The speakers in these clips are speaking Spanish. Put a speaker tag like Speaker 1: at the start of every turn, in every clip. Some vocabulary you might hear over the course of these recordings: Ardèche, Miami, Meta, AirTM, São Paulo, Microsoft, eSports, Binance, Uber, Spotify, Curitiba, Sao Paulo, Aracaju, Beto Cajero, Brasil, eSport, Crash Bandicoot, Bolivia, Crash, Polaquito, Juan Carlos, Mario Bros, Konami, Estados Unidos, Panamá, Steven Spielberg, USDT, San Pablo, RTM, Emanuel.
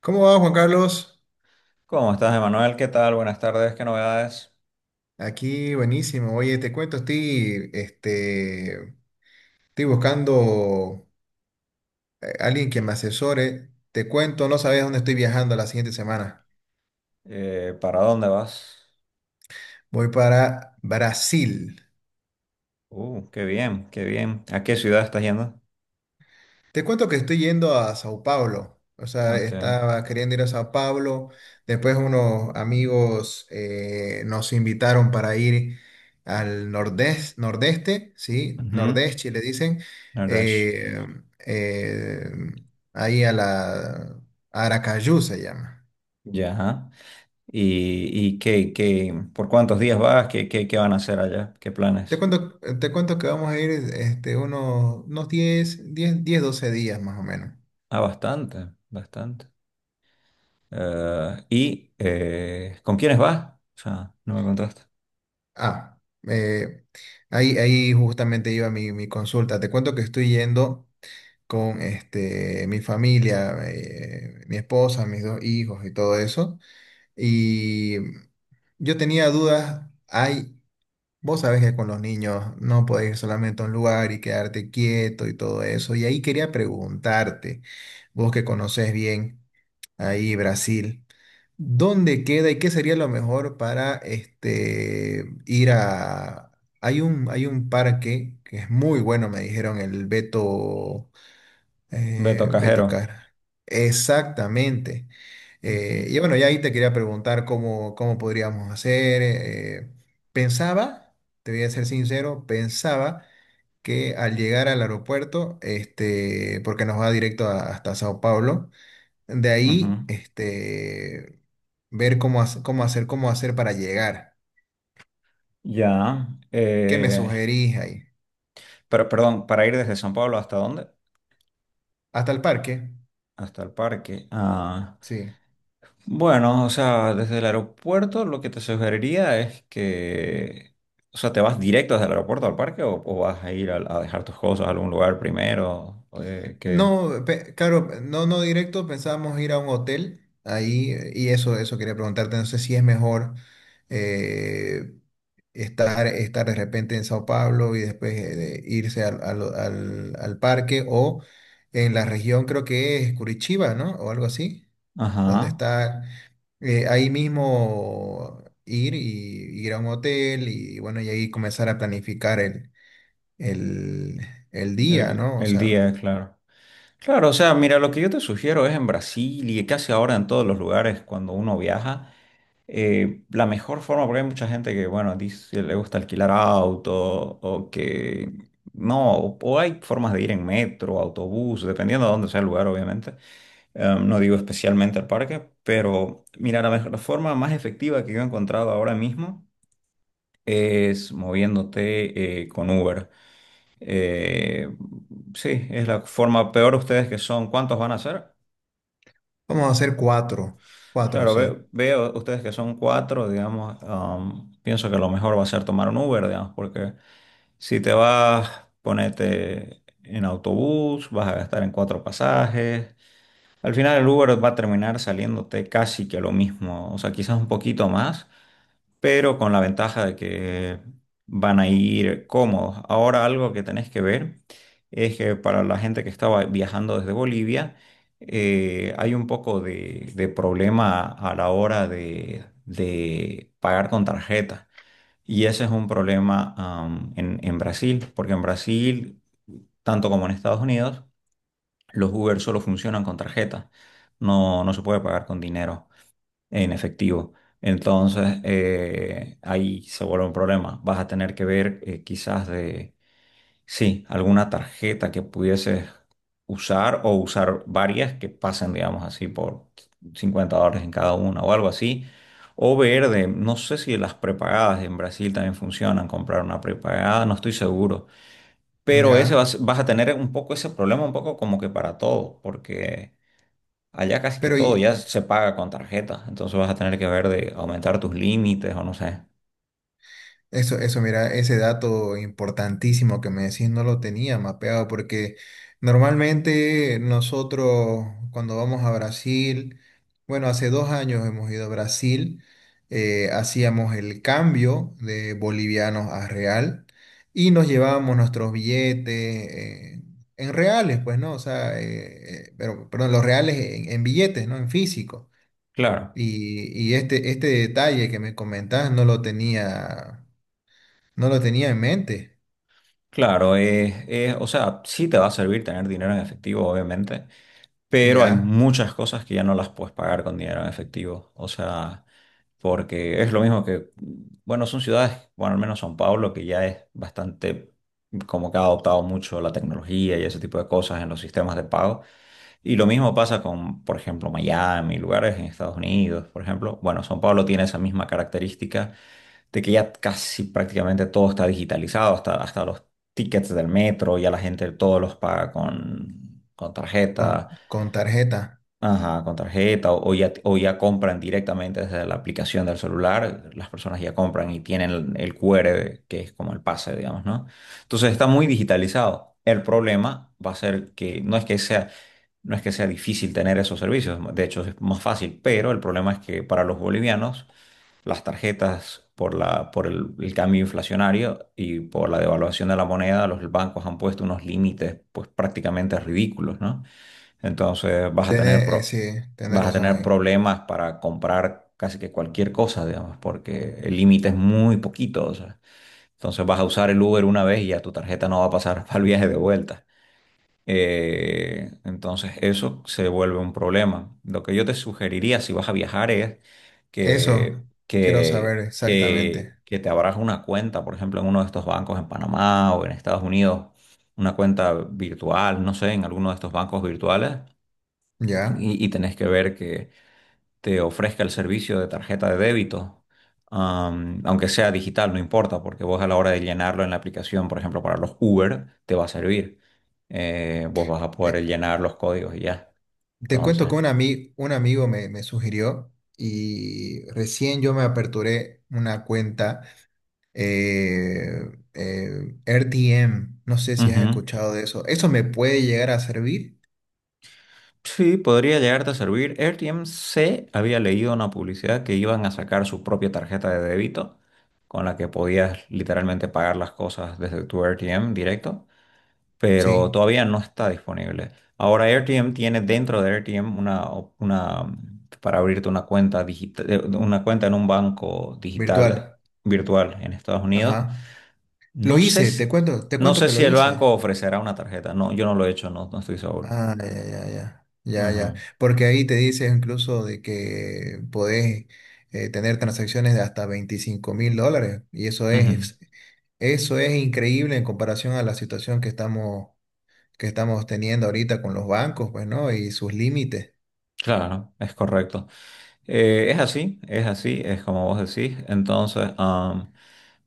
Speaker 1: ¿Cómo va, Juan Carlos?
Speaker 2: ¿Cómo estás, Emanuel? ¿Qué tal? Buenas tardes, ¿qué novedades?
Speaker 1: Aquí, buenísimo. Oye, te cuento, estoy buscando alguien que me asesore. Te cuento, no sabes dónde estoy viajando la siguiente semana.
Speaker 2: ¿Para dónde vas?
Speaker 1: Voy para Brasil.
Speaker 2: Qué bien, qué bien. ¿A qué ciudad estás yendo?
Speaker 1: Te cuento que estoy yendo a Sao Paulo. O sea,
Speaker 2: Ok.
Speaker 1: estaba queriendo ir a Sao Paulo. Después unos amigos nos invitaron para ir al nordeste, ¿sí?
Speaker 2: Ujú.
Speaker 1: Nordeste, le dicen.
Speaker 2: Ardèche.
Speaker 1: eh, eh, ahí a la Aracaju se llama.
Speaker 2: Ya. Ajá. ¿Y, y qué por cuántos días vas? ¿Qué van a hacer allá? ¿Qué
Speaker 1: Te
Speaker 2: planes?
Speaker 1: cuento, te cuento que vamos a ir este, unos 12 días más o menos.
Speaker 2: Ah, bastante, bastante. ¿Y con quiénes vas? O sea, no me contaste.
Speaker 1: Ah, eh, ahí justamente iba mi consulta. Te cuento que estoy yendo con este, mi familia, mi esposa, mis dos hijos y todo eso. Y yo tenía dudas. Hay, vos sabés que con los niños no podés ir solamente a un lugar y quedarte quieto y todo eso. Y ahí quería preguntarte, vos que conocés bien ahí Brasil. ¿Dónde queda y qué sería lo mejor para este, ir a... hay un parque que es muy bueno, me dijeron, el Beto,
Speaker 2: Beto Cajero.
Speaker 1: Beto Car. Exactamente.
Speaker 2: Ujú,
Speaker 1: Y bueno, ya ahí te quería preguntar cómo podríamos hacer. Pensaba, te voy a ser sincero, pensaba que al llegar al aeropuerto, este, porque nos va directo hasta Sao Paulo, de ahí,
Speaker 2: ujú.
Speaker 1: este, ver cómo cómo hacer para llegar.
Speaker 2: Ya.
Speaker 1: ¿Qué me sugerís ahí?
Speaker 2: Pero, perdón, ¿para ir desde San Pablo hasta dónde?
Speaker 1: ¿Hasta el parque?
Speaker 2: Hasta el parque. Ah,
Speaker 1: Sí.
Speaker 2: bueno, o sea, desde el aeropuerto lo que te sugeriría es que, o sea, ¿te vas directo desde el aeropuerto al parque o, vas a ir a dejar tus cosas a algún lugar primero? Que,
Speaker 1: No, claro, no directo, pensábamos ir a un hotel ahí y eso quería preguntarte, no sé si es mejor eh, estar de repente en Sao Paulo y después de irse al parque o en la región creo que es Curitiba, ¿no? O algo así, donde
Speaker 2: ajá,
Speaker 1: está... ahí mismo ir y ir a un hotel y bueno, y ahí comenzar a planificar el, el día,
Speaker 2: el,
Speaker 1: ¿no? O
Speaker 2: el
Speaker 1: sea,
Speaker 2: día, claro. Claro, o sea, mira, lo que yo te sugiero es en Brasil y casi ahora en todos los lugares cuando uno viaja. La mejor forma, porque hay mucha gente que, bueno, dice, le gusta alquilar auto o que no, o hay formas de ir en metro, autobús, dependiendo de dónde sea el lugar, obviamente. No digo especialmente al parque, pero mira, la forma más efectiva que yo he encontrado ahora mismo es moviéndote con Uber. Eh, sí, es la forma peor ustedes que son. ¿Cuántos van a ser?
Speaker 1: vamos a hacer cuatro, cuatro,
Speaker 2: Claro,
Speaker 1: sí,
Speaker 2: veo ustedes que son cuatro, digamos, pienso que lo mejor va a ser tomar un Uber, digamos, porque si te vas, ponete en autobús, vas a gastar en cuatro pasajes. Al final el Uber va a terminar saliéndote casi que lo mismo, o sea, quizás un poquito más, pero con la ventaja de que van a ir cómodos. Ahora algo que tenés que ver es que para la gente que estaba viajando desde Bolivia, hay un poco de problema a la hora de pagar con tarjeta. Y ese es un problema, en Brasil, porque en Brasil, tanto como en Estados Unidos, los Uber solo funcionan con tarjeta. No, no se puede pagar con dinero en efectivo. Entonces, ahí se vuelve un problema. Vas a tener que ver quizás de, sí, alguna tarjeta que pudieses usar o usar varias que pasen, digamos así, por $50 en cada una o algo así. O ver de, no sé si las prepagadas en Brasil también funcionan, comprar una prepagada, no estoy seguro. Pero ese
Speaker 1: ya.
Speaker 2: vas a tener un poco ese problema, un poco como que para todo, porque allá casi que
Speaker 1: Pero, y-
Speaker 2: todo ya se paga con tarjeta, entonces vas a tener que ver de aumentar tus límites o no sé.
Speaker 1: Eso, eso, mira, ese dato importantísimo que me decís no lo tenía mapeado porque normalmente nosotros cuando vamos a Brasil, bueno, hace dos años hemos ido a Brasil, hacíamos el cambio de bolivianos a real y nos llevábamos nuestros billetes eh, en reales, pues, ¿no? O sea, pero, perdón, los reales en billetes, ¿no? En físico.
Speaker 2: Claro,
Speaker 1: Y este, este detalle que me comentás no lo tenía. No lo tenía en mente,
Speaker 2: claro, o sea, sí te va a servir tener dinero en efectivo, obviamente, pero hay
Speaker 1: ya,
Speaker 2: muchas cosas que ya no las puedes pagar con dinero en efectivo, o sea, porque es lo mismo que, bueno, son ciudades, bueno, al menos São Paulo, que ya es bastante, como que ha adoptado mucho la tecnología y ese tipo de cosas en los sistemas de pago. Y lo mismo pasa con, por ejemplo, Miami, lugares en Estados Unidos, por ejemplo. Bueno, São Paulo tiene esa misma característica de que ya casi prácticamente todo está digitalizado, hasta los tickets del metro, ya la gente todos los paga con tarjeta,
Speaker 1: con tarjeta.
Speaker 2: ajá, con tarjeta, o ya compran directamente desde la aplicación del celular, las personas ya compran y tienen el QR, que es como el pase, digamos, ¿no? Entonces está muy digitalizado. El problema va a ser que no es que sea difícil tener esos servicios, de hecho es más fácil, pero el problema es que para los bolivianos las tarjetas por la, por el cambio inflacionario y por la devaluación de la moneda, los bancos han puesto unos límites pues prácticamente ridículos, ¿no? Entonces
Speaker 1: Tener sí, tiene
Speaker 2: vas a
Speaker 1: razón
Speaker 2: tener
Speaker 1: ahí.
Speaker 2: problemas para comprar casi que cualquier cosa, digamos, porque el límite es muy poquito, o sea, entonces vas a usar el Uber una vez y ya tu tarjeta no va a pasar al viaje de vuelta. Entonces eso se vuelve un problema. Lo que yo te sugeriría si vas a viajar es
Speaker 1: Eso
Speaker 2: que,
Speaker 1: quiero
Speaker 2: que,
Speaker 1: saber
Speaker 2: que,
Speaker 1: exactamente,
Speaker 2: que te abras una cuenta, por ejemplo, en uno de estos bancos en Panamá o en Estados Unidos, una cuenta virtual, no sé, en alguno de estos bancos virtuales
Speaker 1: ya.
Speaker 2: y tenés que ver que te ofrezca el servicio de tarjeta de débito, aunque sea digital, no importa, porque vos a la hora de llenarlo en la aplicación, por ejemplo, para los Uber, te va a servir. Vos vas a
Speaker 1: Eh,
Speaker 2: poder llenar los códigos y ya.
Speaker 1: te cuento que
Speaker 2: Entonces,
Speaker 1: un amigo me sugirió y recién yo me aperturé una cuenta eh, RTM. No sé si has
Speaker 2: ujú.
Speaker 1: escuchado de eso. ¿Eso me puede llegar a servir?
Speaker 2: Sí, podría llegarte a servir. AirTM se había leído una publicidad que iban a sacar su propia tarjeta de débito con la que podías literalmente pagar las cosas desde tu RTM directo. Pero
Speaker 1: Sí,
Speaker 2: todavía no está disponible. Ahora AirTM tiene dentro de AirTM una para abrirte una cuenta digital, una cuenta en un banco digital
Speaker 1: virtual.
Speaker 2: virtual en Estados Unidos.
Speaker 1: Ajá. Lo
Speaker 2: No sé
Speaker 1: hice, te
Speaker 2: si,
Speaker 1: cuento, te
Speaker 2: no
Speaker 1: cuento
Speaker 2: sé
Speaker 1: que
Speaker 2: si
Speaker 1: lo
Speaker 2: el banco
Speaker 1: hice.
Speaker 2: ofrecerá una tarjeta. No, yo no lo he hecho, no, no estoy seguro.
Speaker 1: Ah, ya,
Speaker 2: Ajá.
Speaker 1: Porque ahí te dice incluso de que podés tener transacciones de hasta $25.000. Y
Speaker 2: Ujú.
Speaker 1: eso es increíble en comparación a la situación que estamos teniendo ahorita con los bancos, pues, ¿no? Y sus límites.
Speaker 2: Claro, es correcto. Es así, es así, es como vos decís. Entonces,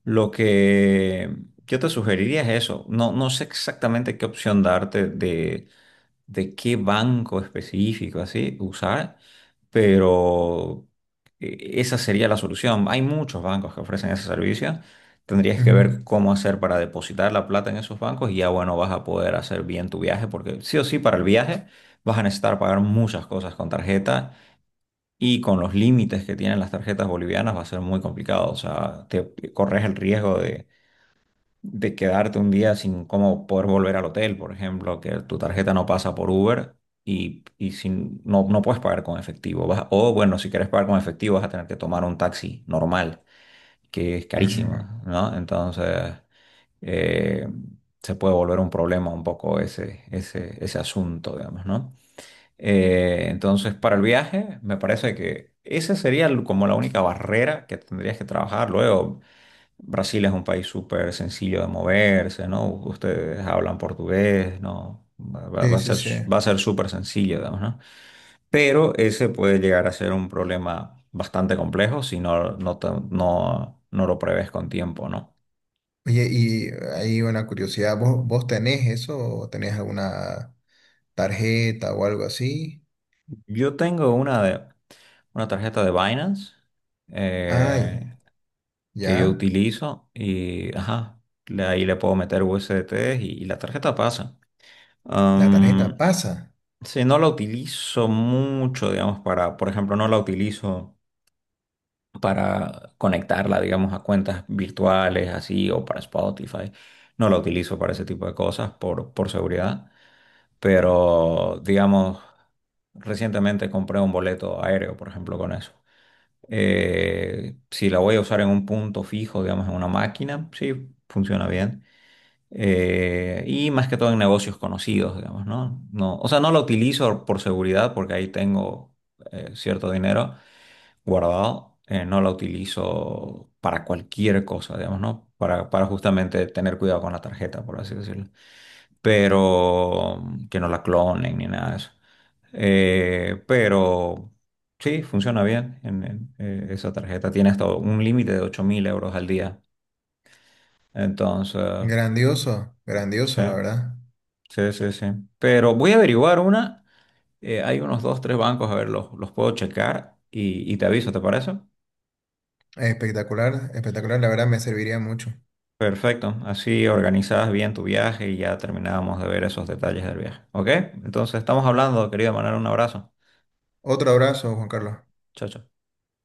Speaker 2: lo que yo te sugeriría es eso. No, no sé exactamente qué opción darte de qué banco específico así usar, pero esa sería la solución. Hay muchos bancos que ofrecen ese servicio. Tendrías que
Speaker 1: Ujú,
Speaker 2: ver cómo hacer para depositar la plata en esos bancos y ya bueno, vas a poder hacer bien tu viaje porque sí o sí para el viaje vas a necesitar pagar muchas cosas con tarjeta y con los límites que tienen las tarjetas bolivianas va a ser muy complicado. O sea, te corres el riesgo de quedarte un día sin cómo poder volver al hotel, por ejemplo, que tu tarjeta no pasa por Uber y, no, no puedes pagar con efectivo. O bueno, si quieres pagar con efectivo vas a tener que tomar un taxi normal, que es carísimo,
Speaker 1: ujú.
Speaker 2: ¿no? Entonces, eh, se puede volver un problema un poco ese, ese, ese asunto, digamos, ¿no? Entonces, para el viaje, me parece que esa sería como la única barrera que tendrías que trabajar luego. Brasil es un país súper sencillo de moverse, ¿no? Ustedes hablan portugués, ¿no? Va, va- va
Speaker 1: Sí,
Speaker 2: a
Speaker 1: sí,
Speaker 2: ser,
Speaker 1: sí.
Speaker 2: va a ser súper sencillo, digamos, ¿no? Pero ese puede llegar a ser un problema bastante complejo si no lo prevés con tiempo, ¿no?
Speaker 1: Oye, y hay una curiosidad, ¿vos, vos tenés eso o tenés alguna tarjeta o algo así?
Speaker 2: Yo tengo una, una tarjeta de Binance
Speaker 1: Ay,
Speaker 2: eh, que yo
Speaker 1: ya,
Speaker 2: utilizo y, ajá, ahí le puedo meter USDT y la tarjeta pasa.
Speaker 1: la tarjeta pasa.
Speaker 2: Sí, no la utilizo mucho, digamos, para, por ejemplo, no la utilizo para conectarla, digamos, a cuentas virtuales, así, o para Spotify. No la utilizo para ese tipo de cosas por seguridad. Pero, digamos, recientemente compré un boleto aéreo, por ejemplo, con eso. Si la voy a usar en un punto fijo, digamos, en una máquina, sí, funciona bien. Y más que todo en negocios conocidos, digamos, ¿no? No, o sea, no lo utilizo por seguridad porque ahí tengo cierto dinero guardado. No lo utilizo para cualquier cosa, digamos, ¿no? Para justamente tener cuidado con la tarjeta, por así decirlo. Pero que no la clonen ni nada de eso. Pero sí, funciona bien. En, esa tarjeta tiene hasta un límite de 8.000 euros al día. Entonces,
Speaker 1: Grandioso,
Speaker 2: sí.
Speaker 1: grandioso, la verdad.
Speaker 2: Sí, sí, sí. Pero voy a averiguar una. Hay unos dos, tres bancos, a ver, los puedo checar y te aviso, ¿te parece?
Speaker 1: Espectacular, espectacular, la verdad me serviría mucho.
Speaker 2: Perfecto. Así organizas bien tu viaje y ya terminábamos de ver esos detalles del viaje. ¿Ok? Entonces estamos hablando, querido Manuel, un abrazo.
Speaker 1: Otro abrazo, Juan Carlos.
Speaker 2: Chao, chao.